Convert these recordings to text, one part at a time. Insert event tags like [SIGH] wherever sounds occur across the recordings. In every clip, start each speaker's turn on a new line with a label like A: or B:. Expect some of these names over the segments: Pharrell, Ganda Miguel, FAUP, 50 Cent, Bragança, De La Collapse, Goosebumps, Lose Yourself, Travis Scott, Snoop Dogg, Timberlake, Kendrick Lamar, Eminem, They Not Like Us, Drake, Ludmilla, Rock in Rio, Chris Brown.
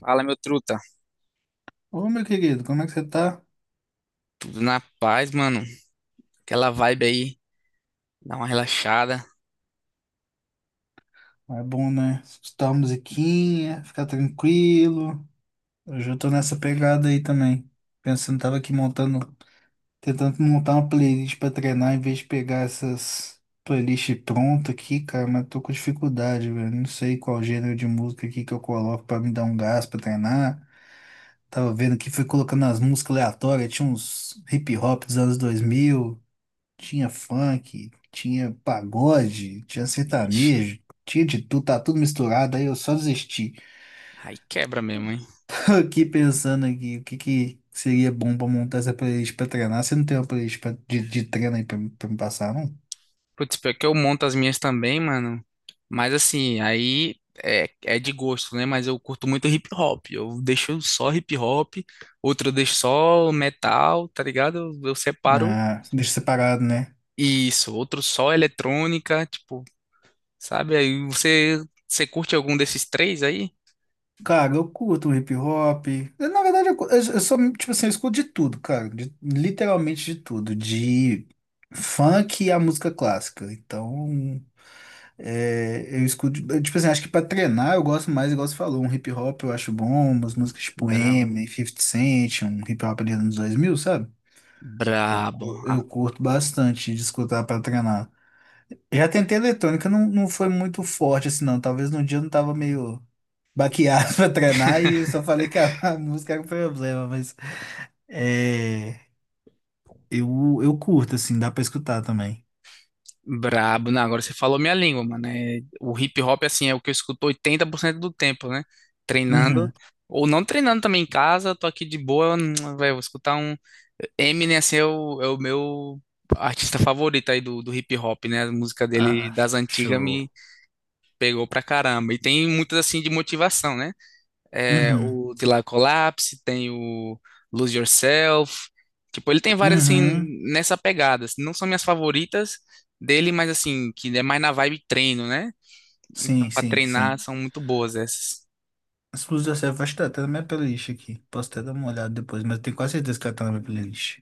A: Fala, meu truta.
B: Ô, meu querido, como é que você tá?
A: Tudo na paz, mano. Aquela vibe aí, dá uma relaxada.
B: É bom, né? Escutar uma musiquinha, ficar tranquilo. Hoje eu tô nessa pegada aí também. Pensando, tava aqui montando, tentando montar uma playlist pra treinar em vez de pegar essas playlists prontas aqui, cara, mas tô com dificuldade, velho. Não sei qual gênero de música aqui que eu coloco pra me dar um gás pra treinar. Tava vendo que fui colocando as músicas aleatórias, tinha uns hip hop dos anos 2000. Tinha funk, tinha pagode, tinha
A: Ixi,
B: sertanejo, tinha de tudo, tá tudo misturado, aí eu só desisti. [LAUGHS]
A: aí quebra mesmo, hein?
B: Aqui pensando aqui, o que que seria bom pra montar essa playlist pra treinar? Você não tem uma playlist pra- de treino aí pra, pra me passar, não?
A: Putz, pior que eu monto as minhas também, mano. Mas assim, aí é de gosto, né? Mas eu curto muito hip hop. Eu deixo só hip hop, outro eu deixo só metal, tá ligado? Eu separo
B: Ah, deixa separado, né?
A: isso, outro só eletrônica, tipo, sabe? Aí você curte algum desses três aí?
B: Cara, eu curto um hip hop. Eu, na verdade, eu sou, tipo assim, eu escuto de tudo, cara. Literalmente de tudo. De funk a música clássica. Então. É, eu escuto, eu, tipo assim, acho que pra treinar eu gosto mais, igual você falou, um hip hop eu acho bom, umas músicas tipo
A: Bravo
B: Eminem, 50 Cent, um hip hop ali nos anos 2000, sabe? Eu,
A: Brabo.
B: cu-
A: Ah,
B: eu curto bastante de escutar pra treinar. Já tentei eletrônica, não foi muito forte assim não, talvez no dia eu não tava meio baqueado [LAUGHS] pra treinar e eu só falei que a música era o problema, mas é, eu curto assim, dá pra escutar também.
A: Brabo, não, agora você falou minha língua, mano. É, o hip hop, assim, é o que eu escuto 80% do tempo, né? Treinando,
B: Uhum.
A: ou não treinando também em casa, eu tô aqui de boa, [TSK] velho, vou escutar um. Eminem, assim, é o meu artista favorito aí do hip hop, né? A música dele
B: Ah,
A: das antigas
B: show.
A: me pegou pra caramba. E tem muitas, assim, de motivação, né? É,
B: Uhum.
A: o De La Collapse, tem o Lose Yourself. Tipo, ele tem várias, assim,
B: Uhum.
A: nessa pegada, assim. Não são minhas favoritas dele, mas, assim, que é mais na vibe treino, né? Então,
B: Sim,
A: pra
B: sim,
A: treinar,
B: sim.
A: são muito boas essas.
B: As coisas da Selva, acho que tá até na minha playlist aqui. Posso até dar uma olhada depois, mas eu tenho quase certeza que ela tá na minha playlist.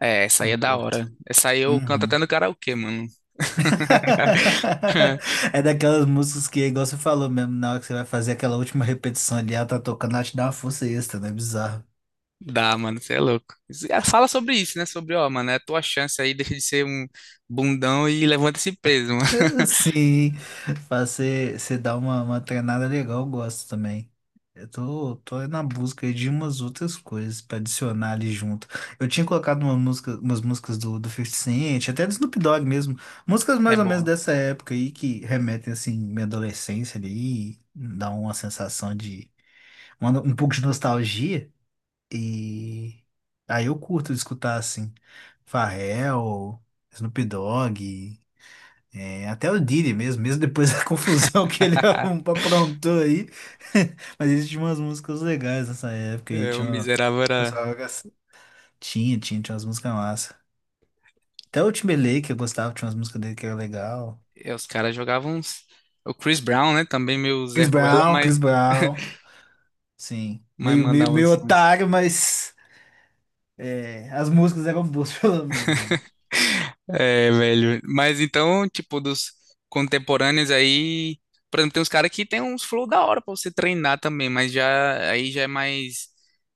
A: É, essa aí
B: Eu
A: é da hora.
B: curto.
A: Essa aí eu canto até
B: Uhum.
A: no karaokê, mano. [LAUGHS]
B: [LAUGHS] É daquelas músicas que, igual você falou mesmo, na hora que você vai fazer aquela última repetição ali, ela tá tocando, ela te dá uma força extra, né? Bizarro.
A: Dá, mano, você é louco. Ah, fala sobre isso, né? Sobre, ó, mano, é a tua chance aí, deixa de ser um bundão e levanta esse peso, mano.
B: [LAUGHS] Sim, fazer, você dá uma treinada legal, eu gosto também. Eu tô na busca aí de umas outras coisas pra adicionar ali junto. Eu tinha colocado uma música, umas músicas do 50 Cent, até do Snoop Dogg mesmo. Músicas
A: É
B: mais ou menos
A: boa.
B: dessa época aí que remetem, assim, minha adolescência ali, e dá uma sensação de, uma- um pouco de nostalgia. E aí eu curto escutar, assim, Pharrell, Snoop Dogg. É, até o Didi mesmo, mesmo depois da [LAUGHS] confusão que ele [LAUGHS] arrum-
A: [LAUGHS]
B: aprontou aí. [LAUGHS] Mas ele tinha umas músicas legais nessa época aí,
A: É, o
B: tinha uma...
A: miserável
B: o
A: era.
B: pessoal era assim. Tinha umas músicas massa. Até o Timberlake eu gostava, tinha umas músicas dele que era legal.
A: É, os caras jogavam uns... O Chris Brown, né? Também meio Zé
B: Chris
A: Ruela,
B: Brown,
A: mas,
B: Chris Brown, sim.
A: mas
B: Meio, meio,
A: mandava uns
B: meio
A: sons.
B: otário, mas é, as músicas eram boas, [LAUGHS] pelo menos, né?
A: É, velho. Mas então, tipo, dos contemporâneos aí... Por exemplo, tem uns caras que tem uns flow da hora pra você treinar também, mas já aí já é mais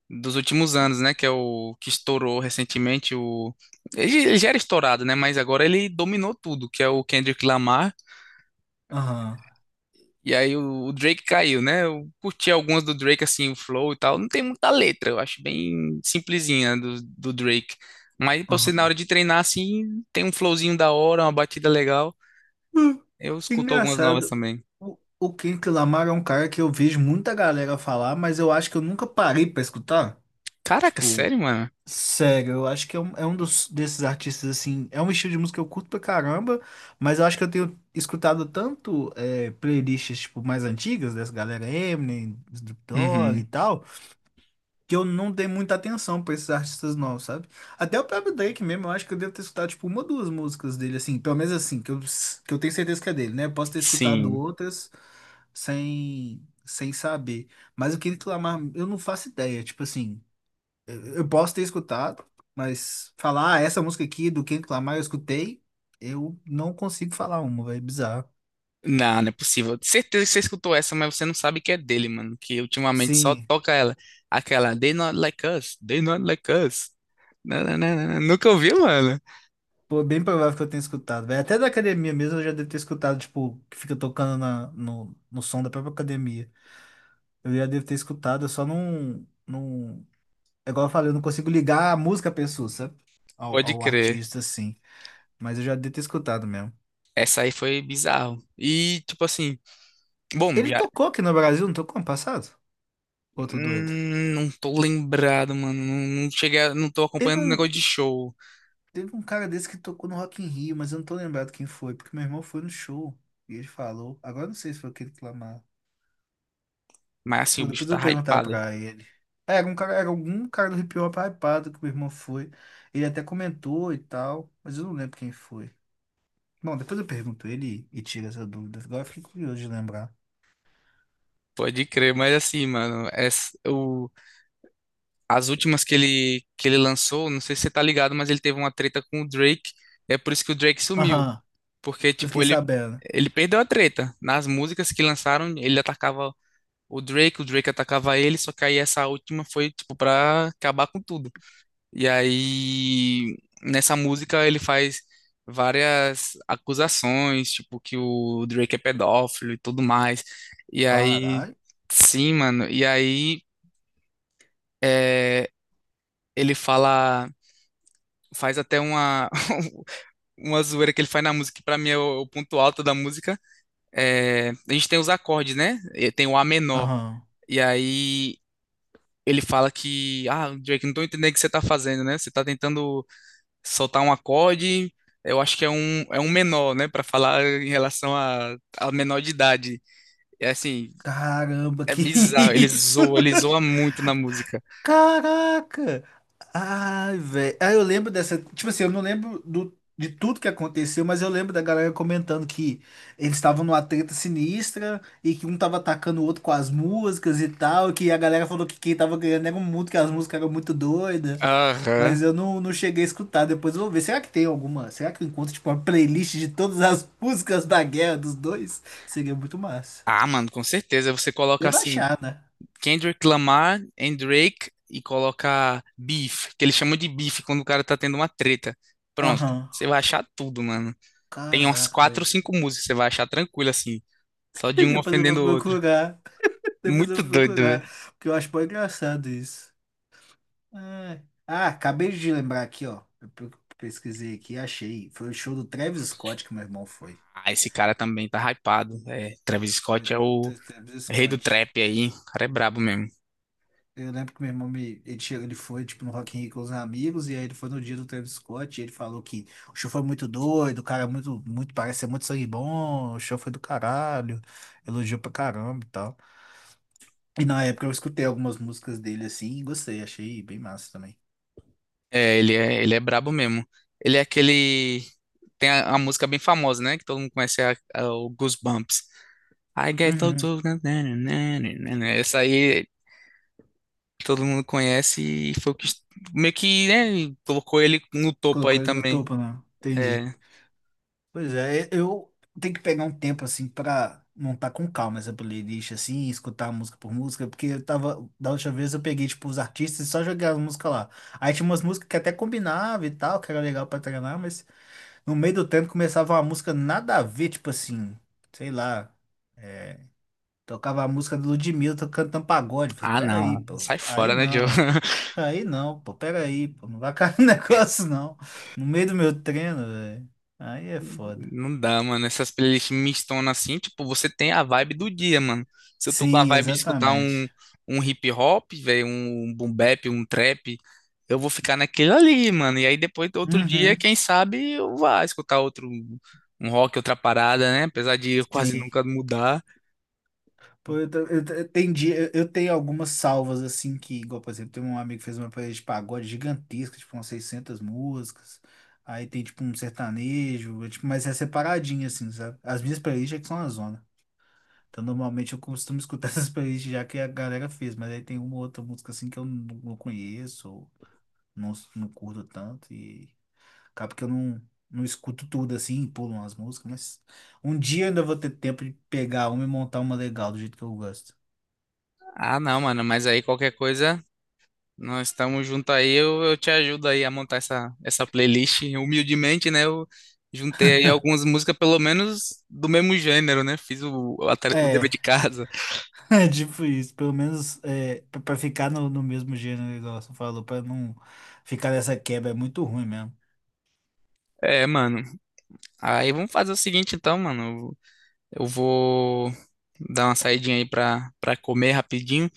A: dos últimos anos, né? Que é o que estourou recentemente. O... Ele já era estourado, né? Mas agora ele dominou tudo, que é o Kendrick Lamar.
B: Aham,
A: E aí o Drake caiu, né? Eu curti algumas do Drake, assim, o flow e tal. Não tem muita letra, eu acho bem simplesinha do Drake. Mas pra você,
B: aham.
A: na hora
B: [LAUGHS]
A: de treinar, assim, tem um flowzinho da hora, uma batida legal.
B: Hum,
A: Eu escuto algumas novas
B: Engraçado.
A: também.
B: O Kendrick Lamar é um cara que eu vejo muita galera falar, mas eu acho que eu nunca parei pra escutar.
A: Caraca,
B: Tipo,
A: sério, mano?
B: sério, eu acho que é um dos, desses artistas, assim, é um estilo de música que eu curto pra caramba, mas eu acho que eu tenho escutado tanto é, playlists, tipo, mais antigas, dessa galera Eminem, Snoop Dogg
A: Uhum.
B: e tal, que eu não dei muita atenção pra esses artistas novos, sabe? Até o próprio Drake mesmo, eu acho que eu devo ter escutado, tipo, uma ou duas músicas dele, assim, pelo menos assim, que eu tenho certeza que é dele, né? Eu posso ter escutado
A: Sim.
B: outras sem saber, mas o que ele clamar, eu não faço ideia, tipo assim... Eu posso ter escutado, mas falar "Ah, essa música aqui do Kendrick Lamar eu escutei, eu não consigo falar uma, velho, bizarro.
A: Não, não é possível. Certeza que você escutou essa, mas você não sabe que é dele, mano. Que ultimamente só
B: Sim,
A: toca ela. Aquela They Not Like Us, They Not Like Us. Não, não, não, não. Nunca ouviu, mano?
B: pô, bem provável que eu tenha escutado, velho. Até da academia mesmo eu já devo ter escutado, tipo, que fica tocando na, no som da própria academia. Eu já devo ter escutado, eu só não... É igual eu falei, eu não consigo ligar a música à pessoa, sabe? Ao,
A: Pode
B: ao
A: crer.
B: artista, assim. Mas eu já devo ter escutado mesmo.
A: Essa aí foi bizarro. E, tipo assim, bom,
B: Ele
A: já.
B: tocou aqui no Brasil, não tocou ano passado? Ô, tô doido.
A: Não tô lembrado, mano. Não, não cheguei, não tô
B: Teve
A: acompanhando o
B: um
A: negócio de show.
B: Teve um cara desse que tocou no Rock in Rio, mas eu não tô lembrado quem foi, porque meu irmão foi no show e ele falou. Agora eu não sei se foi aquele que clamava.
A: Mas, assim, o
B: Pô,
A: bicho
B: depois eu
A: tá
B: vou perguntar
A: hypado.
B: pra ele. É, era um cara, era algum cara do hip hop hypado que meu irmão foi. Ele até comentou e tal, mas eu não lembro quem foi. Bom, depois eu pergunto ele e tira essa dúvida. Agora eu fiquei curioso de lembrar.
A: Pode crer, mas assim, mano, as últimas que ele lançou, não sei se você tá ligado, mas ele teve uma treta com o Drake. É por isso que o Drake sumiu.
B: Aham,
A: Porque,
B: eu
A: tipo,
B: fiquei
A: ele,
B: sabendo.
A: ele perdeu a treta. Nas músicas que lançaram, ele atacava o Drake atacava ele, só que aí essa última foi, tipo, pra acabar com tudo. E aí, nessa música, ele faz várias acusações, tipo, que o Drake é pedófilo e tudo mais. E aí,
B: Caralho.
A: sim, mano. E aí, é, ele fala, faz até uma, [LAUGHS] uma zoeira que ele faz na música, que pra mim é o ponto alto da música. É, a gente tem os acordes, né? E tem o A menor.
B: Aham.
A: E aí. Ele fala que, ah, Drake, não tô entendendo o que você tá fazendo, né? Você tá tentando soltar um acorde, eu acho que é um menor, né? Pra falar em relação a menor de idade. É assim,
B: Caramba,
A: é
B: que [LAUGHS]
A: bizarro.
B: isso?
A: Ele zoa muito na música.
B: Caraca! Ai, velho. Ah, eu lembro dessa. Tipo assim, eu não lembro do, de tudo que aconteceu, mas eu lembro da galera comentando que eles estavam numa treta sinistra e que um tava atacando o outro com as músicas e tal. Que a galera falou que quem tava ganhando era o mundo, que as músicas eram muito doidas.
A: Aham.
B: Mas eu não cheguei a escutar. Depois eu vou ver. Será que tem alguma? Será que eu encontro, tipo, uma playlist de todas as [LAUGHS] músicas da guerra dos dois? Seria muito massa.
A: Ah, mano, com certeza. Você coloca
B: Deve
A: assim,
B: achar, né?
A: Kendrick Lamar and Drake e coloca beef, que eles chamam de beef quando o cara tá tendo uma treta. Pronto,
B: Aham.
A: você vai achar tudo, mano. Tem umas
B: Caraca,
A: quatro ou
B: velho.
A: cinco músicas, você vai achar tranquilo assim, só de um
B: Depois eu vou
A: ofendendo o outro.
B: procurar. Depois eu
A: Muito
B: vou
A: doido.
B: procurar. Porque eu acho bem engraçado isso. Ai. Ah, acabei de lembrar aqui, ó. Pesquisei aqui e achei. Foi o show do Travis Scott que meu irmão foi.
A: Ah, esse cara também tá hypado. É, Travis
B: Foi
A: Scott é o
B: Travis
A: rei do
B: Scott.
A: trap aí. O cara é brabo mesmo.
B: Eu lembro que meu irmão me, ele, chegou, ele foi tipo no Rock in Rio com os amigos, e aí ele foi no dia do Travis Scott, e ele falou que o show foi muito doido, o cara é muito, muito, parece ser muito sangue bom, o show foi do caralho, elogiou pra caramba e tal. E na época eu escutei algumas músicas dele assim e gostei, achei bem massa também.
A: É, ele é brabo mesmo. Ele é aquele. Tem a música bem famosa, né? Que todo mundo conhece, é o Goosebumps. I get those.
B: Uhum.
A: Essa aí todo mundo conhece e foi o que meio que, né? Colocou ele no topo aí
B: Colocou ele no
A: também.
B: topo, não. Entendi.
A: É.
B: Pois é, eu tenho que pegar um tempo assim pra montar com calma essa playlist assim, escutar música por música, porque eu tava, da última vez eu peguei tipo os artistas e só joguei as músicas lá. Aí tinha umas músicas que até combinava e tal, que era legal pra treinar, mas no meio do tempo começava uma música nada a ver, tipo assim, sei lá, é, tocava a música do Ludmilla, tô cantando pagode. Falei,
A: Ah,
B: pera aí,
A: não.
B: pô.
A: Sai
B: Aí
A: fora, né, Joe?
B: não.
A: [LAUGHS]
B: Aí não, pô. Pera aí, pô. Não vai cair [LAUGHS] no negócio, não. No meio do meu treino, velho. Aí é foda.
A: Não dá, mano. Essas playlists mistonas assim, tipo, você tem a vibe do dia, mano. Se eu tô com a
B: Sim,
A: vibe de escutar um,
B: exatamente.
A: um hip hop, velho, um boom bap, um trap, eu vou ficar naquele ali, mano. E aí depois, outro dia,
B: Uhum.
A: quem sabe, eu vá escutar outro, um rock, outra parada, né? Apesar de eu quase
B: Sim.
A: nunca mudar.
B: Pô, eu entendi. Eu tenho algumas salvas, assim, que, igual, por exemplo, tem um amigo que fez uma playlist de pagode gigantesca, tipo, umas 600 músicas. Aí tem, tipo, um sertanejo, tipo, mas é separadinho, assim, sabe? As minhas playlists é que são a zona. Então, normalmente eu costumo escutar [LAUGHS] essas playlists já que a galera fez, mas aí tem uma ou outra música assim que eu não conheço, ou não curto tanto, e acaba que eu não escuto tudo assim, pulo umas músicas, mas um dia eu ainda vou ter tempo de pegar uma e montar uma legal do jeito que eu gosto.
A: Ah, não, mano, mas aí qualquer coisa. Nós estamos juntos aí, eu te ajudo aí a montar essa playlist. Humildemente, né? Eu juntei aí algumas músicas, pelo menos do mesmo gênero, né? Fiz o dever
B: É,
A: de casa.
B: [LAUGHS] é tipo isso, pelo menos é, pra pra ficar no, no mesmo gênero, igual você falou, pra não ficar nessa quebra, é muito ruim mesmo.
A: É, mano. Aí vamos fazer o seguinte então, mano. Eu vou dar uma saidinha aí pra comer rapidinho,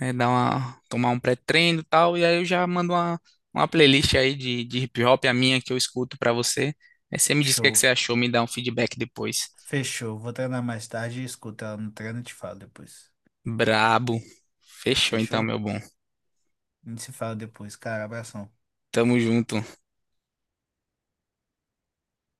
A: né, dar uma, tomar um pré-treino e tal. E aí eu já mando uma playlist aí de hip hop, a minha que eu escuto pra você. Aí você me diz o que é que
B: Show.
A: você achou, me dá um feedback depois.
B: Fechou. Vou treinar mais tarde e escuta ela no treino e te falo depois.
A: Brabo. Fechou então,
B: Fechou?
A: meu bom.
B: A gente se fala depois, cara. Abração.
A: Tamo junto.